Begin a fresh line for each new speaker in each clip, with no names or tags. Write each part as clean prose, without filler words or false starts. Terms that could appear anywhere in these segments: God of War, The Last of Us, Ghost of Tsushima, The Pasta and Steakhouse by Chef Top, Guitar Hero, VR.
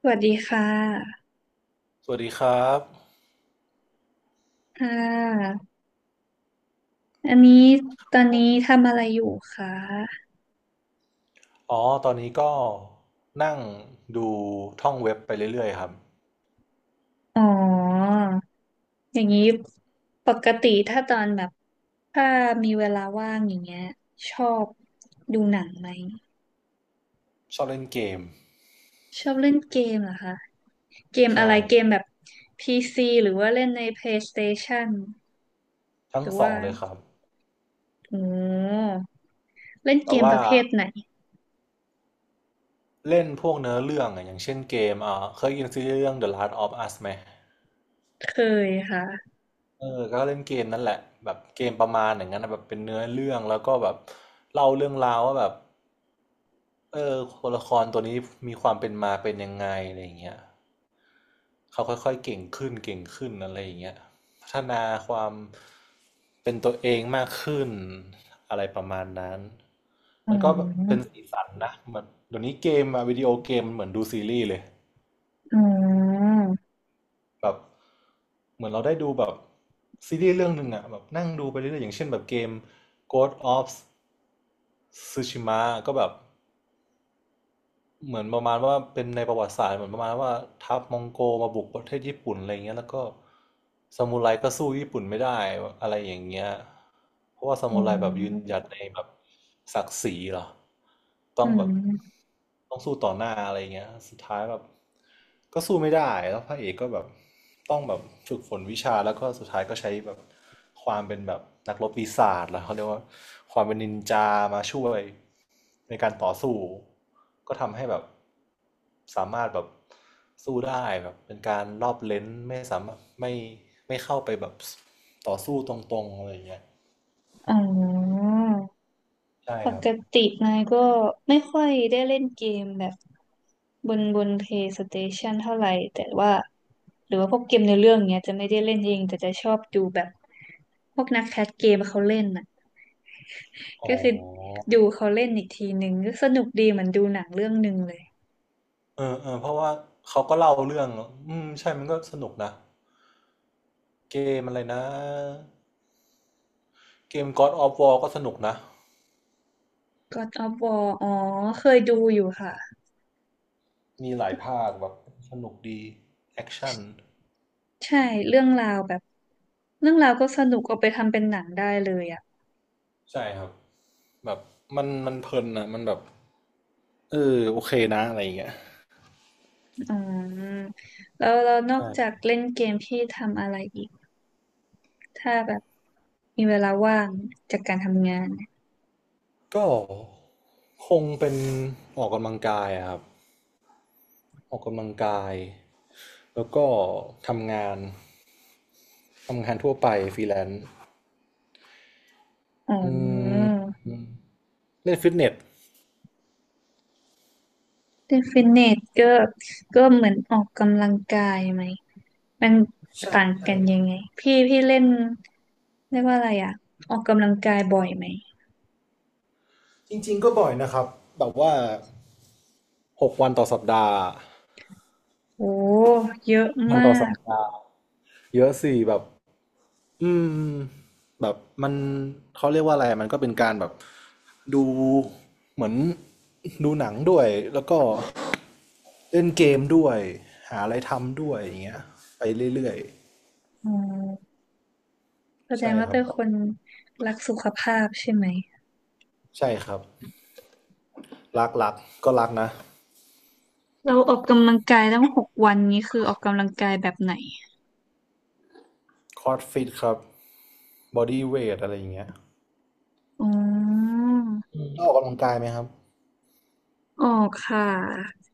สวัสดีค่ะ
สวัสดีครับ
ค่ะ อันนี้ตอนนี้ทำอะไรอยู่คะ
อ๋อตอนนี้ก็นั่งดูท่องเว็บไปเรื่อยๆครับ
อ๋อ อย่างนี้ปกติถ้าตอนแบบถ้ามีเวลาว่างอย่างเงี้ยชอบดูหนังไหม
ชอบเล่นเกม
ชอบเล่นเกมเหรอคะ เกมอะ
ใช่
ไรเกมแบบ PC หรือว่าเล่นใน PlayStation
ทั้
ห
ง
รือ
สอ
ว่า
งเลยครับ
โอ้เล่น
แบ
เก
บ
มป
ว่า
ระเภทไหน
เล่นพวกเนื้อเรื่องอะอย่างเช่นเกมอ่าเคยยินซีรีส์เรื่อง The Last of Us ไหม
เคยค่ะ
เออก็เล่นเกมนั่นแหละแบบเกมประมาณอย่างนั้นนะแบบเป็นเนื้อเรื่องแล้วก็แบบเล่าเรื่องราวว่าแบบเออตัวละครตัวนี้มีความเป็นมาเป็นยังไงอะไรอย่างเงี้ย เขาค่อยๆเก่งขึ้นเก่งขึ้นอะไรอย่างเงี้ยพัฒนาความเป็นตัวเองมากขึ้นอะไรประมาณนั้น
อ๋
มันก็เป็
อ
นสีสันนะมันเดี๋ยวนี้เกมอะวิดีโอเกมมันเหมือนดูซีรีส์เลย
อ๋อ
แบบเหมือนเราได้ดูแบบซีรีส์เรื่องหนึ่งอะแบบนั่งดูไปเรื่อยๆอย่างเช่นแบบเกม Ghost of Tsushima ก็แบบ เหมือนประมาณว่าเป็นในประวัติศาสตร์เหมือนประมาณว่าทัพมองโกมาบุกประเทศญี่ปุ่นอะไรอย่างเงี้ยแล้วก็ซามูไรก็สู้ญี่ปุ่นไม่ได้อะไรอย่างเงี้ยเพราะว่าซา
อ๋
มูไรแบบยืน
อ
หยัดในแบบศักดิ์ศรีเหรอต้
อื
องแบบ
ม
ต้องสู้ต่อหน้าอะไรอย่างเงี้ยสุดท้ายแบบก็สู้ไม่ได้แล้วพระเอกก็แบบต้องแบบฝึกฝนวิชาแล้วก็สุดท้ายก็ใช้แบบความเป็นแบบนักรบปีศาจแล้วเขาเรียกว่าความเป็นนินจามาช่วย ในการต่อสู้ก็ทำให้แบบสามารถแบบสู้ได้แบบเป็นการรอบเลนส์ไม่สามารถไม่เข้าไปแบบต่อสู้ตรงๆอะไรอย่างเงี้ย
อ๋อ
ใช่
ป
ครับ
กตินายก็ไม่ค่อยได้เล่นเกมแบบบน PlayStation เท่าไหร่แต่ว่าหรือว่าพวกเกมในเรื่องเนี้ยจะไม่ได้เล่นเองแต่จะชอบดูแบบพวกนักแคสเกมเขาเล่นน่ะ
อ๋
ก็
อ
คือดูเขาเล่นอีกทีหนึ่งก็สนุกดีเหมือนดูหนังเรื่องหนึ่งเลย
เออเพราะว่าเขาก็เล่าเรื่องอืมใช่มันก็สนุกนะเกมอะไรนะเกม God of War ก็สนุกนะ
God of War อ๋อเคยดูอยู่ค่ะ
มีหลายภาคแบบสนุกดีแอคชั่น
ใช่เรื่องราวแบบเรื่องราวก็สนุกเอาไปทำเป็นหนังได้เลยอ่ะ
ใช่ครับแบบมันเพลินนะมันแบบเออโอเคนะอะไรอย่างเงี้ย
อ๋อแล้วเรานอก
ใช่
จากเล่นเกมพี่ทำอะไรอีกถ้าแบบมีเวลาว่างจากการทำงาน
ก็คงเป็นออกกำลังกายอะครับออกกำลังกายแล้วก็ทำงานทำงานทั่วไปฟรีแลนซ์
อ๋
อื
อ
มเล่นฟิตเนส
เล่นฟิตเนสก็ก็เหมือนออกกำลังกายไหมมัน
ใช่
ต่างกั
ใช่
นยังไงพี่เล่นเรียกว่าอะไรอ่ะออกกำลังกายบ่อยไหม
จริงๆก็บ่อยนะครับแบบว่าหกวันต่อสัปดาห์
โอ้เยอะ
วัน
มา
ต่อสัป
ก
ดาห์เยอะสิแบบอืมแบบมันเขาเรียกว่าอะไรมันก็เป็นการแบบดูเหมือนดูหนังด้วยแล้วก็ เล่นเกมด้วยหาอะไรทำด้วยอย่างเงี้ยไปเรื่อย
อ๋อแส
ๆ
ดง
ใช่
ว่า
ครั
เป็
บ
นคนรักสุขภาพใช่ไหม
ใช่ครับรักก็รักนะ
เราออกกำลังกายตั้งหกวันนี้คือออกกำลังกายแบบไหน
คอร์ดฟิตครับบอดี้เวทอะไรอย่างเงี้ย
อ๋อ
ต้องออกกำลังกายไหมครับ
ออกค่ะ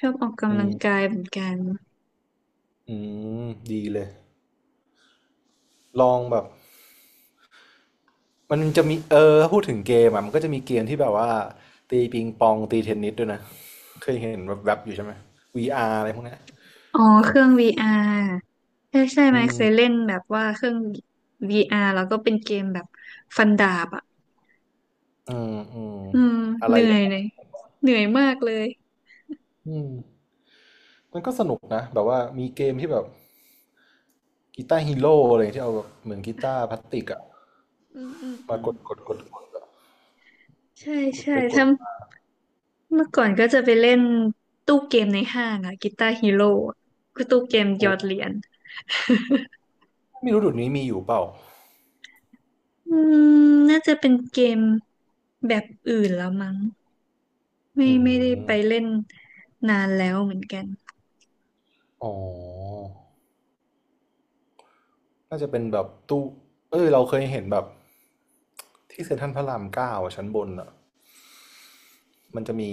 ชอบออก
อื
กำลัง
ม
กายเหมือนกัน
อืมดีเลยลองแบบมันจะมีถ้าพูดถึงเกมอ่ะมันก็จะมีเกมที่แบบว่าตีปิงปองตีเทนนิสด้วยนะเคยเห็นแบบแบบๆอยู่ใช่ไหม VR อาร์อะไรพวกเนี้ย
อ๋อเครื่อง VR ใช่ใช่ไหม
อืม
เคยเล่นแบบว่าเครื่อง VR แล้วก็เป็นเกมแบบฟันดาบอ่ะ
อืมอืม
อืม
อะ
เห
ไร
นื่
อ
อ
ย่า
ย
งเงี้
เลย
ย
เหนื่อยมากเลย
อืมมันก็สนุกนะแบบว่ามีเกมที่แบบ กีตาร์ฮีโร่อะไรที่เอาแบบเหมือนกีตาร์พลาสติกอะ
อืมอืมอื
มา
ม
กดอะ
ใช่
กด
ใช่
ไปกด
ถ้า
มา
เมื่อก่อนก็จะไปเล่นตู้เกมในห้างอ่ะกีตาร์ฮีโร่คือตู้เกมหย
โอ้
อดเหรียญ
ไม่รู้เดุดนี้มีอยู่เปล่า
อืมน่าจะเป็นเกมแบบอื่นแล้วมั้ง ไม่
อื
ไม่ได้ไป
ม
เล่นนานแล้วเหมือนกัน
อ๋อน่าจะเป็นแบบตู้เอ้ยเราเคยเห็นแบบที่เซ็นทรัลพระรามเก้าอะชั้นบนอะมันจะมี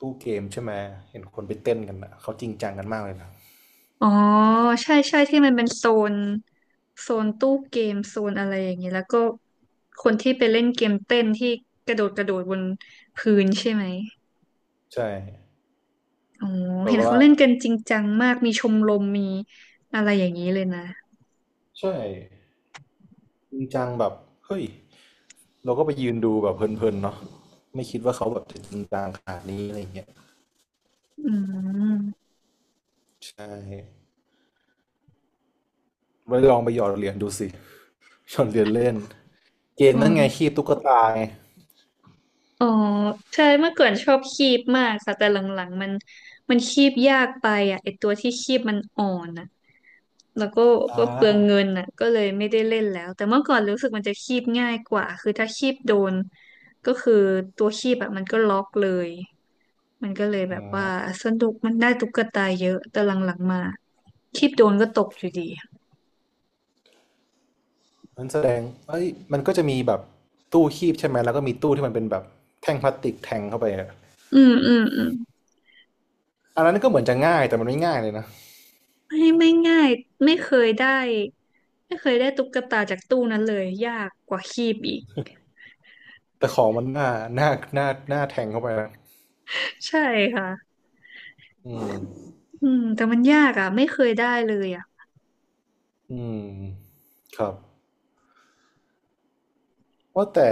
ตู้เกมใช่ไหมเห็นคนไปเต้นกันอะเขาจริงจังกันมากเลยนะ
อ๋อใช่ใช่ที่มันเป็นนโซนตู้เกมโซนอะไรอย่างนี้แล้วก็คนที่ไปเล่นเกมเต้นที่กระโดดกระโดดบนพื้นใช่ไหม
ใช่
อ๋อ
แบบ
เห็นเขา
ว่า
เล่นกันจริงจังมากมีชมรมมีอะไรอย่างนี้เลยนะ
ใช่จริงจังแบบเฮ้ยเราก็ไปยืนดูแบบเพลินๆเนาะไม่คิดว่าเขาแบบจะจริงจังขนาดนี้อะไรอย่างเงี้ย
อืม
ใช่ ไปลองไปหยอดเหรียญดูสิหยอดเหรียญเล่นเกม
อ๋อ
นั่นไงคีบตุ๊กตาไง
อ๋อใช่เมื่อก่อนชอบคีบมากค่ะแต่หลังๆมันมันคีบยากไปอ่ะไอตัวที่คีบมันอ่อนอะ แล้วก็
อ่
ก็เปลืองเงิ
า
นน่ะก็เลยไม่ได้เล่นแล้วแต่เมื่อก่อนรู้สึกมันจะคีบง่ายกว่าคือถ้าคีบโดนก็คือตัวคีบอะมันก็ล็อกเลยมันก็เลยแบ
อื
บว่า
ม
สนุกมันได้ตุ๊กตาเยอะแต่หลังๆมาคีบโดนก็ตกอยู่ดี
มันแสดงเอ้ยมันก็จะมีแบบตู้คีบใช่ไหมแล้วก็มีตู้ที่มันเป็นแบบแท่งพลาสติกแทงเข้าไปอะ
อืมอืมอืม
อันนั้นก็เหมือนจะง่ายแต่มันไม่ง่ายเลยนะ
ไม่ง่ายไม่เคยได้ไม่เคยได้ตุ๊กตาจากตู้นั้นเลยยากกว่าคีบอีก
แต่ของมันหน้าหน้าแทงเข้าไปนะ
ใช่ค่ะ
อืม
อืมแต่มันยากอ่ะไม่เคยได้เลยอ่ะ
อืมครับว่าแต่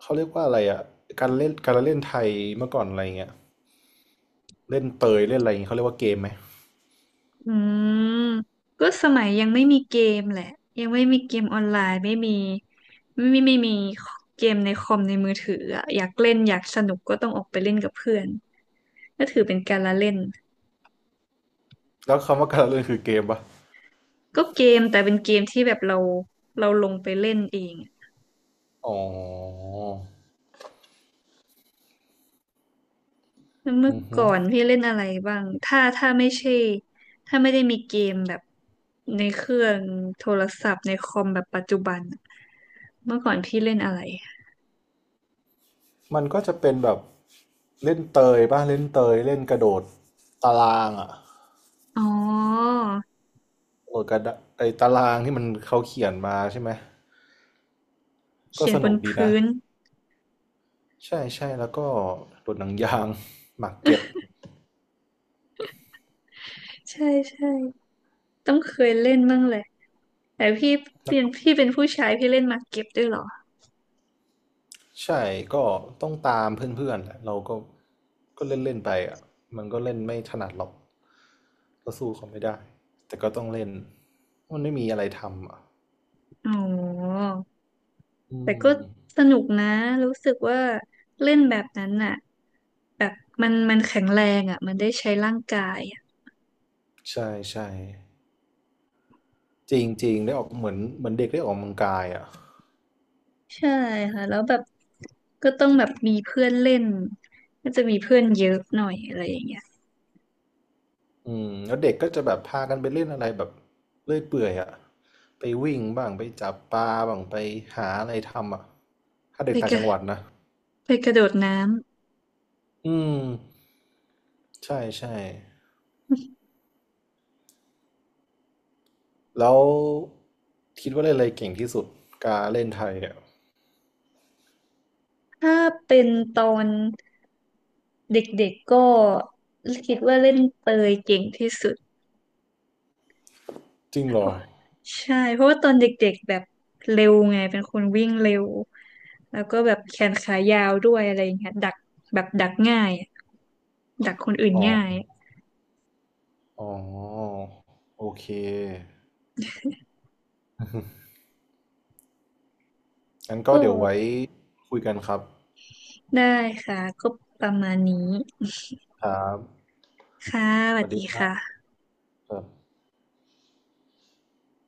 เขาเรียกว่าอะไรอ่ะการเล่นไทยเมื่อก่อนอะไรเงี้ยเล่นเตยเล่นอะไรเงี้ยเขาเรียกว่าเกมไหม
อืมก็สมัยยังไม่มีเกมแหละยังไม่มีเกมออนไลน์ไม่มีเกมในคอมในมือถืออะอยากเล่นอยากสนุกก็ต้องออกไปเล่นกับเพื่อนก็ถือเป็นการละเล่น
แล้วคำว่าการเล่นคือเกมปะ
ก็เกมแต่เป็นเกมที่แบบเราเราลงไปเล่นเอง
อ๋อ
แล้วเมื่อ
อือฮึ
ก่อนพี่เล่นอะไรบ้างถ้าไม่ใช่ไม่ได้มีเกมแบบในเครื่องโทรศัพท์ในคอมแบบปัจจุบันอะเมื่อก่อนพี่เล่นอะไร
มันก็จะเป็นแบบเล่นเตยเล่นกระโดดตารางอ่ะ
อ๋อ
กระโดดกระดะไอ้ตารางที่มันเขาเขียนมาใช่ไหมก็
เขียน
ส
บ
นุ
น
กดีนะ
พื้น
ใช่ใช่แล้วก็โดดหนังยางหมากเก็บ
ใช่ใช่ต้องเคยเล่นบ้างแหละแต่พี่เป็นผู้ชายพี่เล่นหมากเก็บด้วยเหรอ
ใช่ก็ต้องตามเพื่อนๆแหละเราก็ก็เล่นเล่นไปอ่ะมันก็เล่นไม่ถนัดหรอกก็สู้เขาไม่ได้แต่ก็ต้องเล่นมันไม่มีอะไรทำอ่ะ
อ๋อ
อื
แต่ก็
ม
สนุกนะรู้สึกว่าเล่นแบบนั้นน่ะแบบมันมันแข็งแรงอ่ะมันได้ใช้ร่างกายอะ
ใช่ใช่ จริงจริงได้ออกเหมือนเด็กได้ออกกำลังกายอ่ะ
ใช่ค่ะแล้วแบบก็ต้องแบบมีเพื่อนเล่นก็จะมีเพื่อนเยอะหน่อยอะไรอย่างเงี้ย
อืมแล้วเด็กก็จะแบบพากันไปเล่นอะไรแบบเลื่อยเปื่อยอ่ะไปวิ่งบ้างไปจับปลาบ้างไปหาอะไรทำอ่ะถ้าเด็
ไป
กต่า
ก
งจั
ระ
งหวัดนะ
ไปกระโดดน้
อืมใช่ใช่แล้วคิดว่าเล่นอะไรเก่งที่สุดการเล่นไทยอ่ะ
ำถ้าเป็นตอนเด็กๆก็คิดว่าเล่นเปยเก่งที่สุด
จริงเหร
เพ
อ
ราะใช่เพราะว่าตอนเด็กๆแบบเร็วไงเป็นคนวิ่งเร็วแล้วก็แบบแขนขายาวด้วยอะไรอย่างเงี้ยดักแบบดักง่ายอะดักคนอื่น
อ๋อ
ง่าย
อ๋อโอเค งั้นก็
ก็
เดี๋ยวไว้คุยกันครับ
ได้ค่ะก็ประมาณนี้
ครับ
ค่ะส
ส
วัส
วัส
ดี
ดีคร
ค่ะ
ับ